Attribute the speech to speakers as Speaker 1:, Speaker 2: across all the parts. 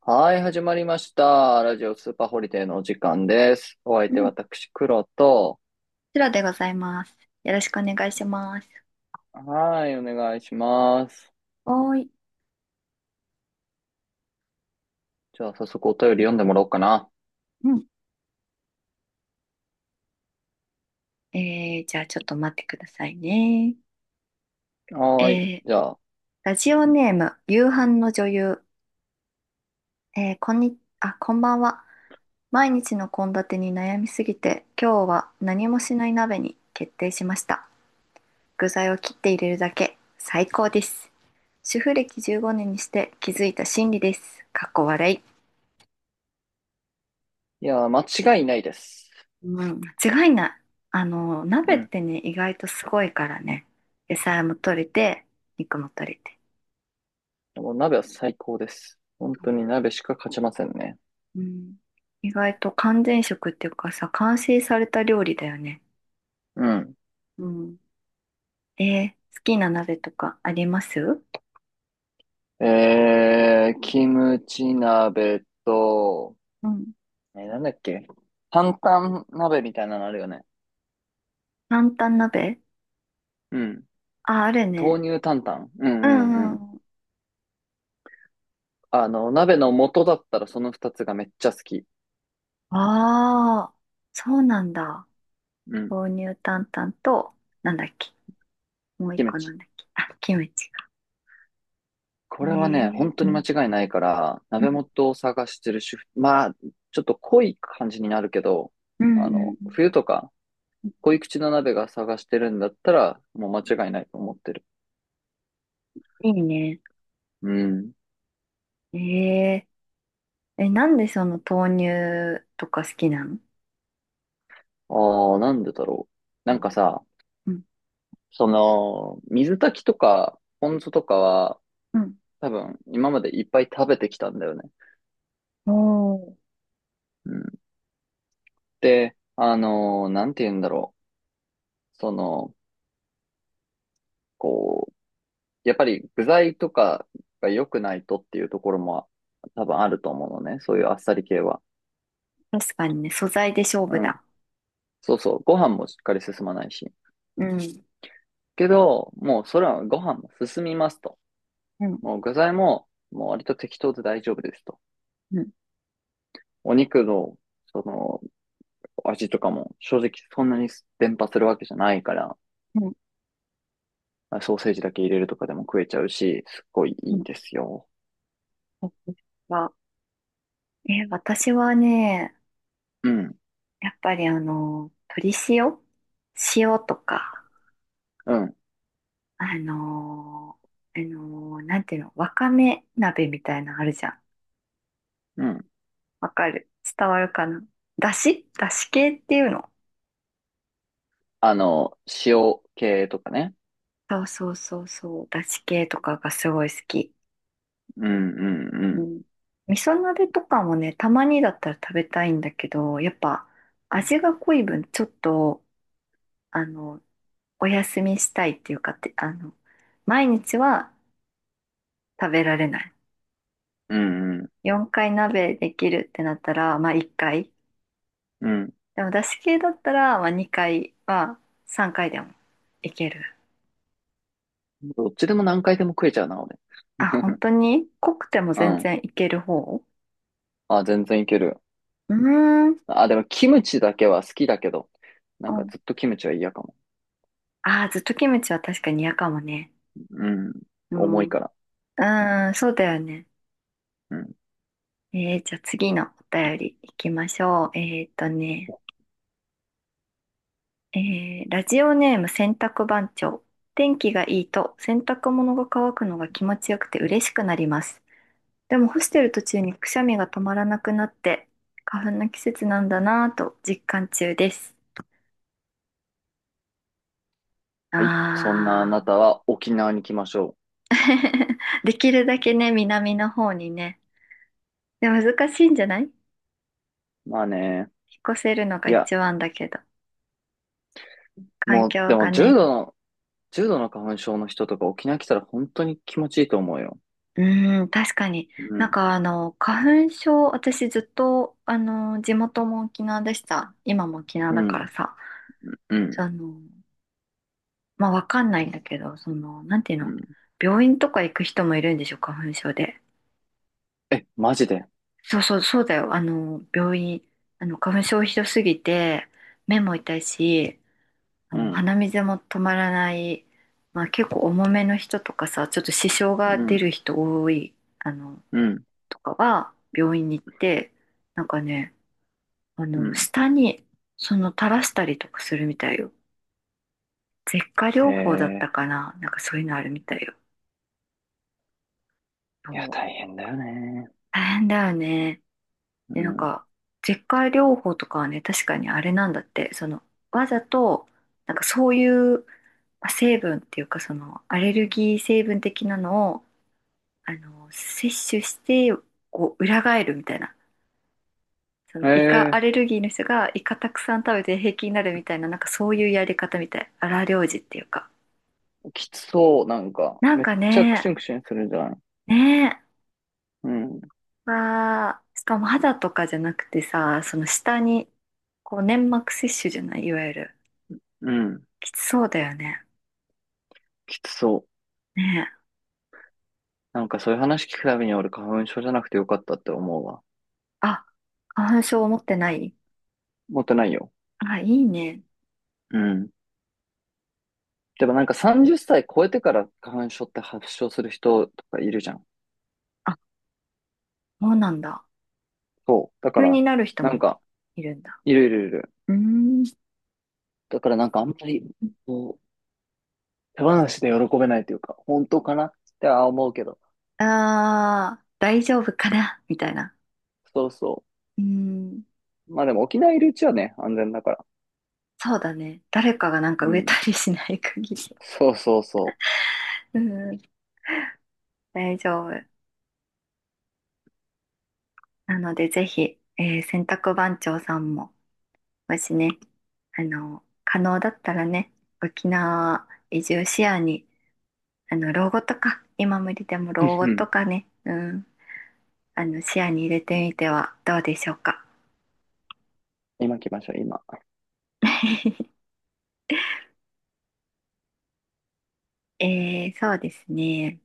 Speaker 1: はい、始まりました。ラジオスーパーホリデーのお時間です。お相
Speaker 2: うん、
Speaker 1: 手
Speaker 2: こ
Speaker 1: 私、黒と、
Speaker 2: ちらでございます。よろしくお願いします。
Speaker 1: はい、お願いします。
Speaker 2: おーい。
Speaker 1: じゃあ、早速お便り読んでもらおうかな。
Speaker 2: うん。じゃあちょっと待ってくださいね。え
Speaker 1: はーい、
Speaker 2: ー、
Speaker 1: じゃあ、
Speaker 2: ラジオ
Speaker 1: うん、
Speaker 2: ネーム、夕飯の女優。えー、こんに、あ、こんばんは。毎日の献立に悩みすぎて、今日は何もしない鍋に決定しました。具材を切って入れるだけ。最高です。主婦歴15年にして気づいた真理です。かっこ笑い。
Speaker 1: いやー、間違いないです。
Speaker 2: うん、間違いない。
Speaker 1: う
Speaker 2: 鍋っ
Speaker 1: ん。
Speaker 2: てね、意外とすごいからね。野菜も取れて、肉も取れて。
Speaker 1: もう鍋は最高です。本当に鍋しか勝ちませんね。
Speaker 2: うん、意外と完全食っていうかさ、完成された料理だよね。
Speaker 1: うん。
Speaker 2: うん。えー好きな鍋とかあります？
Speaker 1: キムチ鍋と、
Speaker 2: うん。
Speaker 1: え、なんだっけ。担々鍋みたいなのあるよね。
Speaker 2: タン鍋。
Speaker 1: うん。
Speaker 2: あ、ある
Speaker 1: 豆
Speaker 2: ね。
Speaker 1: 乳担々。う
Speaker 2: う
Speaker 1: んうんう
Speaker 2: んう
Speaker 1: ん。
Speaker 2: ん。
Speaker 1: あの、鍋の素だったらその二つがめっちゃ好き。
Speaker 2: ああ、そうなんだ。
Speaker 1: うん。
Speaker 2: 豆乳担々と、なんだっけ。もう一
Speaker 1: キム
Speaker 2: 個な
Speaker 1: チ。
Speaker 2: んだっけ。あ、キムチか。
Speaker 1: これはね、本当
Speaker 2: う
Speaker 1: に間
Speaker 2: ん。
Speaker 1: 違いないから、
Speaker 2: う
Speaker 1: 鍋
Speaker 2: ん。
Speaker 1: 元を探してる主婦、まあ、ちょっと濃い感じになるけど、
Speaker 2: うん
Speaker 1: あ
Speaker 2: うん
Speaker 1: の、
Speaker 2: うん。
Speaker 1: 冬とか、濃い口の鍋が探してるんだったら、もう間違いないと思ってる。
Speaker 2: いいね。
Speaker 1: うん。
Speaker 2: えええ、なんでその豆乳とか好きなの？
Speaker 1: ああ、なんでだろう。
Speaker 2: う
Speaker 1: なん
Speaker 2: ん
Speaker 1: かさ、
Speaker 2: うん。
Speaker 1: その、水炊きとか、ポン酢とかは、
Speaker 2: うん。
Speaker 1: 多分、今までいっぱい食べてきたんだよね。
Speaker 2: おー。
Speaker 1: うん。で、なんて言うんだろう。その、こう、やっぱり具材とかが良くないとっていうところも多分あると思うのね。そういうあっさり系は。
Speaker 2: 確かにね、素材で勝
Speaker 1: う
Speaker 2: 負
Speaker 1: ん。
Speaker 2: だ。
Speaker 1: そうそう。ご飯もしっかり進まないし。
Speaker 2: うん。
Speaker 1: けど、もうそれはご飯も進みますと。
Speaker 2: うん。
Speaker 1: もう具材も、もう割と適当で大丈夫ですと。
Speaker 2: うん。
Speaker 1: お肉の、その、味とかも正直そんなに伝播するわけじゃないから、
Speaker 2: うん。
Speaker 1: ソーセージだけ入れるとかでも食えちゃうし、すっごい
Speaker 2: う
Speaker 1: いい
Speaker 2: ん、
Speaker 1: ですよ。
Speaker 2: 私は、え、私はね、
Speaker 1: うん、
Speaker 2: やっぱり鶏塩塩とか、
Speaker 1: うん、
Speaker 2: あのなんていうの、わかめ鍋みたいなのあるじゃん。
Speaker 1: うん。
Speaker 2: わかる？伝わるかな？だしだし系っていうの？
Speaker 1: あの、塩系とかね。
Speaker 2: そうそうそうそう。だし系とかがすごい好き。
Speaker 1: うん、う
Speaker 2: う
Speaker 1: ん、
Speaker 2: ん。味噌鍋とかもね、たまにだったら食べたいんだけど、やっぱ味が濃い分、ちょっと、あの、お休みしたいっていうかって、毎日は食べられない。
Speaker 1: うんうん。
Speaker 2: 4回鍋できるってなったら、まあ1回。
Speaker 1: うん。
Speaker 2: でもだし系だったら、まあ2回は3回でもいける。
Speaker 1: どっちでも何回でも食えちゃうな、俺。
Speaker 2: あ、本 当に濃くても
Speaker 1: う
Speaker 2: 全
Speaker 1: ん。
Speaker 2: 然いける方？
Speaker 1: あ、全然いける。
Speaker 2: うーん。
Speaker 1: あ、でもキムチだけは好きだけど、な
Speaker 2: う
Speaker 1: んか
Speaker 2: ん。
Speaker 1: ずっとキムチは嫌かも。
Speaker 2: ああ、ずっとキムチは確かに嫌かもね。
Speaker 1: うん。
Speaker 2: う
Speaker 1: 重
Speaker 2: ん。
Speaker 1: い
Speaker 2: う
Speaker 1: から。
Speaker 2: ーん、そうだよね。
Speaker 1: うん。
Speaker 2: じゃあ次のお便り行きましょう。ね、えー、ラジオネーム洗濯番長。天気がいいと洗濯物が乾くのが気持ちよくて嬉しくなります。でも干してる途中にくしゃみが止まらなくなって花粉の季節なんだなぁと実感中です。
Speaker 1: はい。そんなあ
Speaker 2: あ
Speaker 1: なた
Speaker 2: あ。
Speaker 1: は沖縄に来ましょ
Speaker 2: できるだけね、南の方にね。で、難しいんじゃない？
Speaker 1: う。まあね。
Speaker 2: 引っ越せるのが
Speaker 1: いや、
Speaker 2: 一番だけど、環
Speaker 1: もう、で
Speaker 2: 境が
Speaker 1: も重
Speaker 2: ね。
Speaker 1: 度の、重度の花粉症の人とか沖縄来たら本当に気持ちいいと思うよ。
Speaker 2: うーん、確かに。
Speaker 1: う
Speaker 2: なん
Speaker 1: ん。
Speaker 2: か花粉症、私ずっと、地元も沖縄でした。今も沖縄
Speaker 1: う
Speaker 2: だから
Speaker 1: ん。
Speaker 2: さ、
Speaker 1: う
Speaker 2: あ
Speaker 1: ん。
Speaker 2: の、まあ、わかんないんだけど、なんていう
Speaker 1: う
Speaker 2: の、
Speaker 1: ん。
Speaker 2: 病院とか行く人もいるんでしょ、花粉症で。
Speaker 1: え、マジで。
Speaker 2: そうそう、そうだよ。病院、花粉症ひどすぎて、目も痛いし、あ
Speaker 1: う
Speaker 2: の
Speaker 1: ん。
Speaker 2: 鼻水も止まらない、まあ、結構重めの人とかさ、ちょっと支障が
Speaker 1: う
Speaker 2: 出
Speaker 1: ん。
Speaker 2: る人多い、あの、
Speaker 1: うん。
Speaker 2: とかは、病院に行って、なんかね、
Speaker 1: うん。
Speaker 2: 下に、垂らしたりとかするみたいよ。舌下
Speaker 1: へ
Speaker 2: 療法だった
Speaker 1: え。
Speaker 2: かな、なんかそういうのあるみたいよ。
Speaker 1: いや、
Speaker 2: そう。
Speaker 1: 大変だよね。
Speaker 2: 大変だよね。
Speaker 1: う
Speaker 2: で、なん
Speaker 1: ん。
Speaker 2: か、舌下療法とかはね、確かにあれなんだって、その、わざと、なんかそういう、まあ成分っていうか、その、アレルギー成分的なのを、摂取して、こう、裏返るみたいな。その、イカ
Speaker 1: え
Speaker 2: アレ
Speaker 1: え、
Speaker 2: ルギーの人が、イカたくさん食べて平気になるみたいな、なんかそういうやり方みたい。荒療治っていうか。
Speaker 1: きつそう。なんか、
Speaker 2: なん
Speaker 1: めっ
Speaker 2: か
Speaker 1: ちゃク
Speaker 2: ね、
Speaker 1: シュンクシュンするじゃん。
Speaker 2: ね
Speaker 1: うん。
Speaker 2: え、わあ、しかも肌とかじゃなくてさ、その下に、こう、粘膜摂取じゃない、いわゆる。
Speaker 1: うん。
Speaker 2: きつそうだよね。
Speaker 1: きつそう。
Speaker 2: ねえ。
Speaker 1: なんかそういう話聞くたびに俺花粉症じゃなくてよかったって思うわ。
Speaker 2: あ、花粉症持ってない？
Speaker 1: 持ってないよ。
Speaker 2: あ、いいね。
Speaker 1: うん。でもなんか30歳超えてから花粉症って発症する人とかいるじゃん。
Speaker 2: あ、そうなんだ。
Speaker 1: そう。だか
Speaker 2: 急
Speaker 1: ら、
Speaker 2: になる人
Speaker 1: なん
Speaker 2: も
Speaker 1: か、
Speaker 2: いるんだ。
Speaker 1: いるいるいる。
Speaker 2: うーん。
Speaker 1: だからなんかあんまり、こう、手放しで喜べないというか、本当かなっては思うけど。
Speaker 2: ああ、大丈夫かなみたいな。
Speaker 1: そうそ
Speaker 2: うん、
Speaker 1: う。まあでも沖縄いるうちはね、安全だから。
Speaker 2: そうだね。誰かがなんか
Speaker 1: う
Speaker 2: 植えた
Speaker 1: ん。
Speaker 2: りしない限り。
Speaker 1: そうそうそ
Speaker 2: うん、大丈夫。なので、ぜひ、えー洗濯番長さんも、もしね、可能だったらね、沖縄移住視野に、老後とか、今無理でも老後
Speaker 1: う。
Speaker 2: と かね、うん、視野に入れてみてはどうでしょうか。
Speaker 1: 今来ましょう、今。
Speaker 2: えー、そうですね。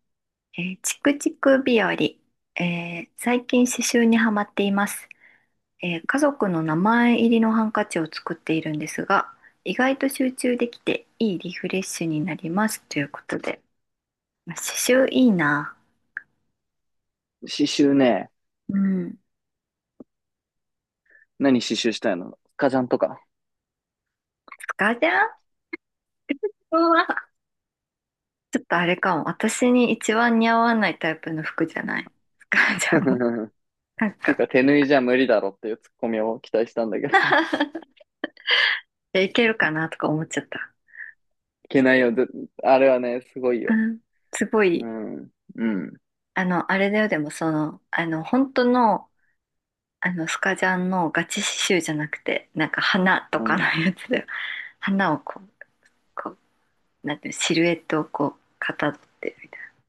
Speaker 2: えーチクチク日和、えー最近刺繍にはまっています、えー家族の名前入りのハンカチを作っているんですが、意外と集中できていいリフレッシュになりますということで。まあ刺繍いいな。
Speaker 1: 刺繍ね。
Speaker 2: うん。
Speaker 1: 何刺繍したいの、スカジャンとか。
Speaker 2: スカジャンは、ちょっとあれかも。私に一番似合わないタイプの服じゃない。スカジャンも。なん
Speaker 1: ていう
Speaker 2: か、
Speaker 1: か、手縫いじゃ無理だろっていうツッコミを期待したんだけど。い
Speaker 2: でいけるかなとか思っちゃった。
Speaker 1: けないよ。ずあれはね、すごい
Speaker 2: う
Speaker 1: よ。
Speaker 2: ん。すご
Speaker 1: う
Speaker 2: い、
Speaker 1: ん。うん。
Speaker 2: あの、あれだよ、でもその、あの、本当のスカジャンのガチ刺繍じゃなくて、なんか花と
Speaker 1: う
Speaker 2: か
Speaker 1: ん。
Speaker 2: のやつで、花をこう、こう、なんていうの、シルエットをこう、かたどってるみたいな。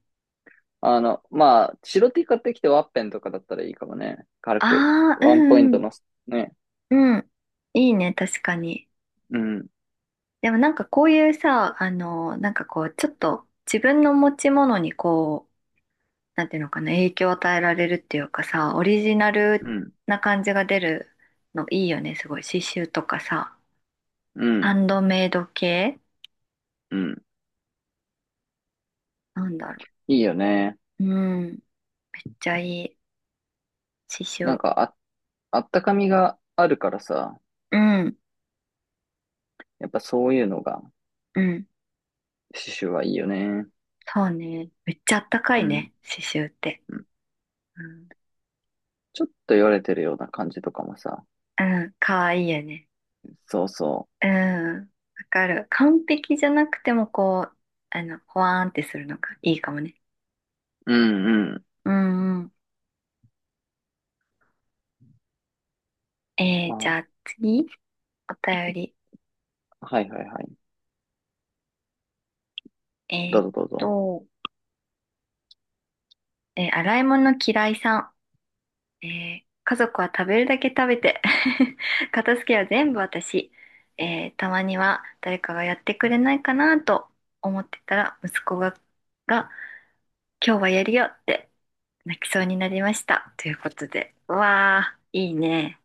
Speaker 1: あの、まあ、白 T 買ってきてワッペンとかだったらいいかもね。軽く。
Speaker 2: ああ、う
Speaker 1: ワンポイン
Speaker 2: んう
Speaker 1: トのね。
Speaker 2: ん、うん。いいね、確かに。
Speaker 1: うん。
Speaker 2: でもなんかこういうさ、なんかこう、ちょっと自分の持ち物にこう、なんていうのかな、影響を与えられるっていうかさ、オリジナル
Speaker 1: うん。
Speaker 2: な感じが出るのいいよね、すごい。刺繍とかさ、
Speaker 1: う
Speaker 2: ハ
Speaker 1: ん。
Speaker 2: ンドメイド系
Speaker 1: うん。
Speaker 2: なんだろ
Speaker 1: いいよね。
Speaker 2: う。うん。めっちゃいい。刺
Speaker 1: なん
Speaker 2: 繍。
Speaker 1: か、あ、あったかみがあるからさ。
Speaker 2: うん、
Speaker 1: やっぱそういうのが、
Speaker 2: うん。
Speaker 1: 刺繍はいいよね。
Speaker 2: そうね。めっちゃあったか
Speaker 1: う
Speaker 2: い
Speaker 1: ん
Speaker 2: ね。刺繍って。
Speaker 1: うん。
Speaker 2: うん、
Speaker 1: ちょっと言われてるような感じとかもさ。
Speaker 2: うん、かわいいよね。
Speaker 1: そうそ
Speaker 2: うん。わかる。完璧じゃなくても、こう、ほわーんってするのがいいかもね。
Speaker 1: う。うんうん。
Speaker 2: うんうん。じ
Speaker 1: ま
Speaker 2: ゃあ次、お便り。
Speaker 1: あ、はいはいはい。
Speaker 2: え
Speaker 1: ど
Speaker 2: ー
Speaker 1: う
Speaker 2: っ
Speaker 1: ぞどうぞ。
Speaker 2: と、洗い物嫌いさん。えー家族は食べるだけ食べて 片付けは全部私、えーたまには誰かがやってくれないかなと思ってたら息子が、が今日はやるよって泣きそうになりましたということで、うわあいいね。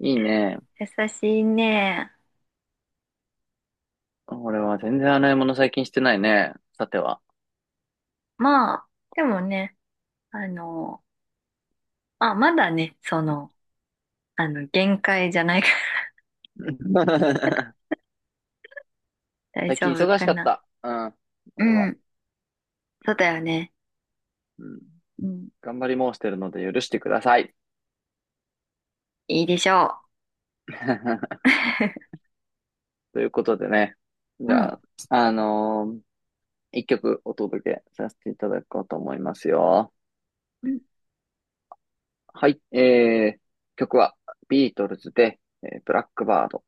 Speaker 1: いいね。
Speaker 2: 優しいね。
Speaker 1: 俺は全然洗い物最近してないね。さては。
Speaker 2: まあでもね、あの、まあまだね、その、あの、限界じゃないから。 大
Speaker 1: 最
Speaker 2: 丈
Speaker 1: 近
Speaker 2: 夫
Speaker 1: 忙し
Speaker 2: か
Speaker 1: かっ
Speaker 2: な。
Speaker 1: た。うん。
Speaker 2: う
Speaker 1: 俺は。
Speaker 2: ん、そうだよね。
Speaker 1: うん。
Speaker 2: うん。
Speaker 1: 頑張り申してるので許してください。
Speaker 2: いいでしょ
Speaker 1: ということでね。じ
Speaker 2: う。う
Speaker 1: ゃあ、あのー一曲お届けさせていただこうと思いますよ。
Speaker 2: ん。
Speaker 1: はい。曲はビートルズで、ブラックバード。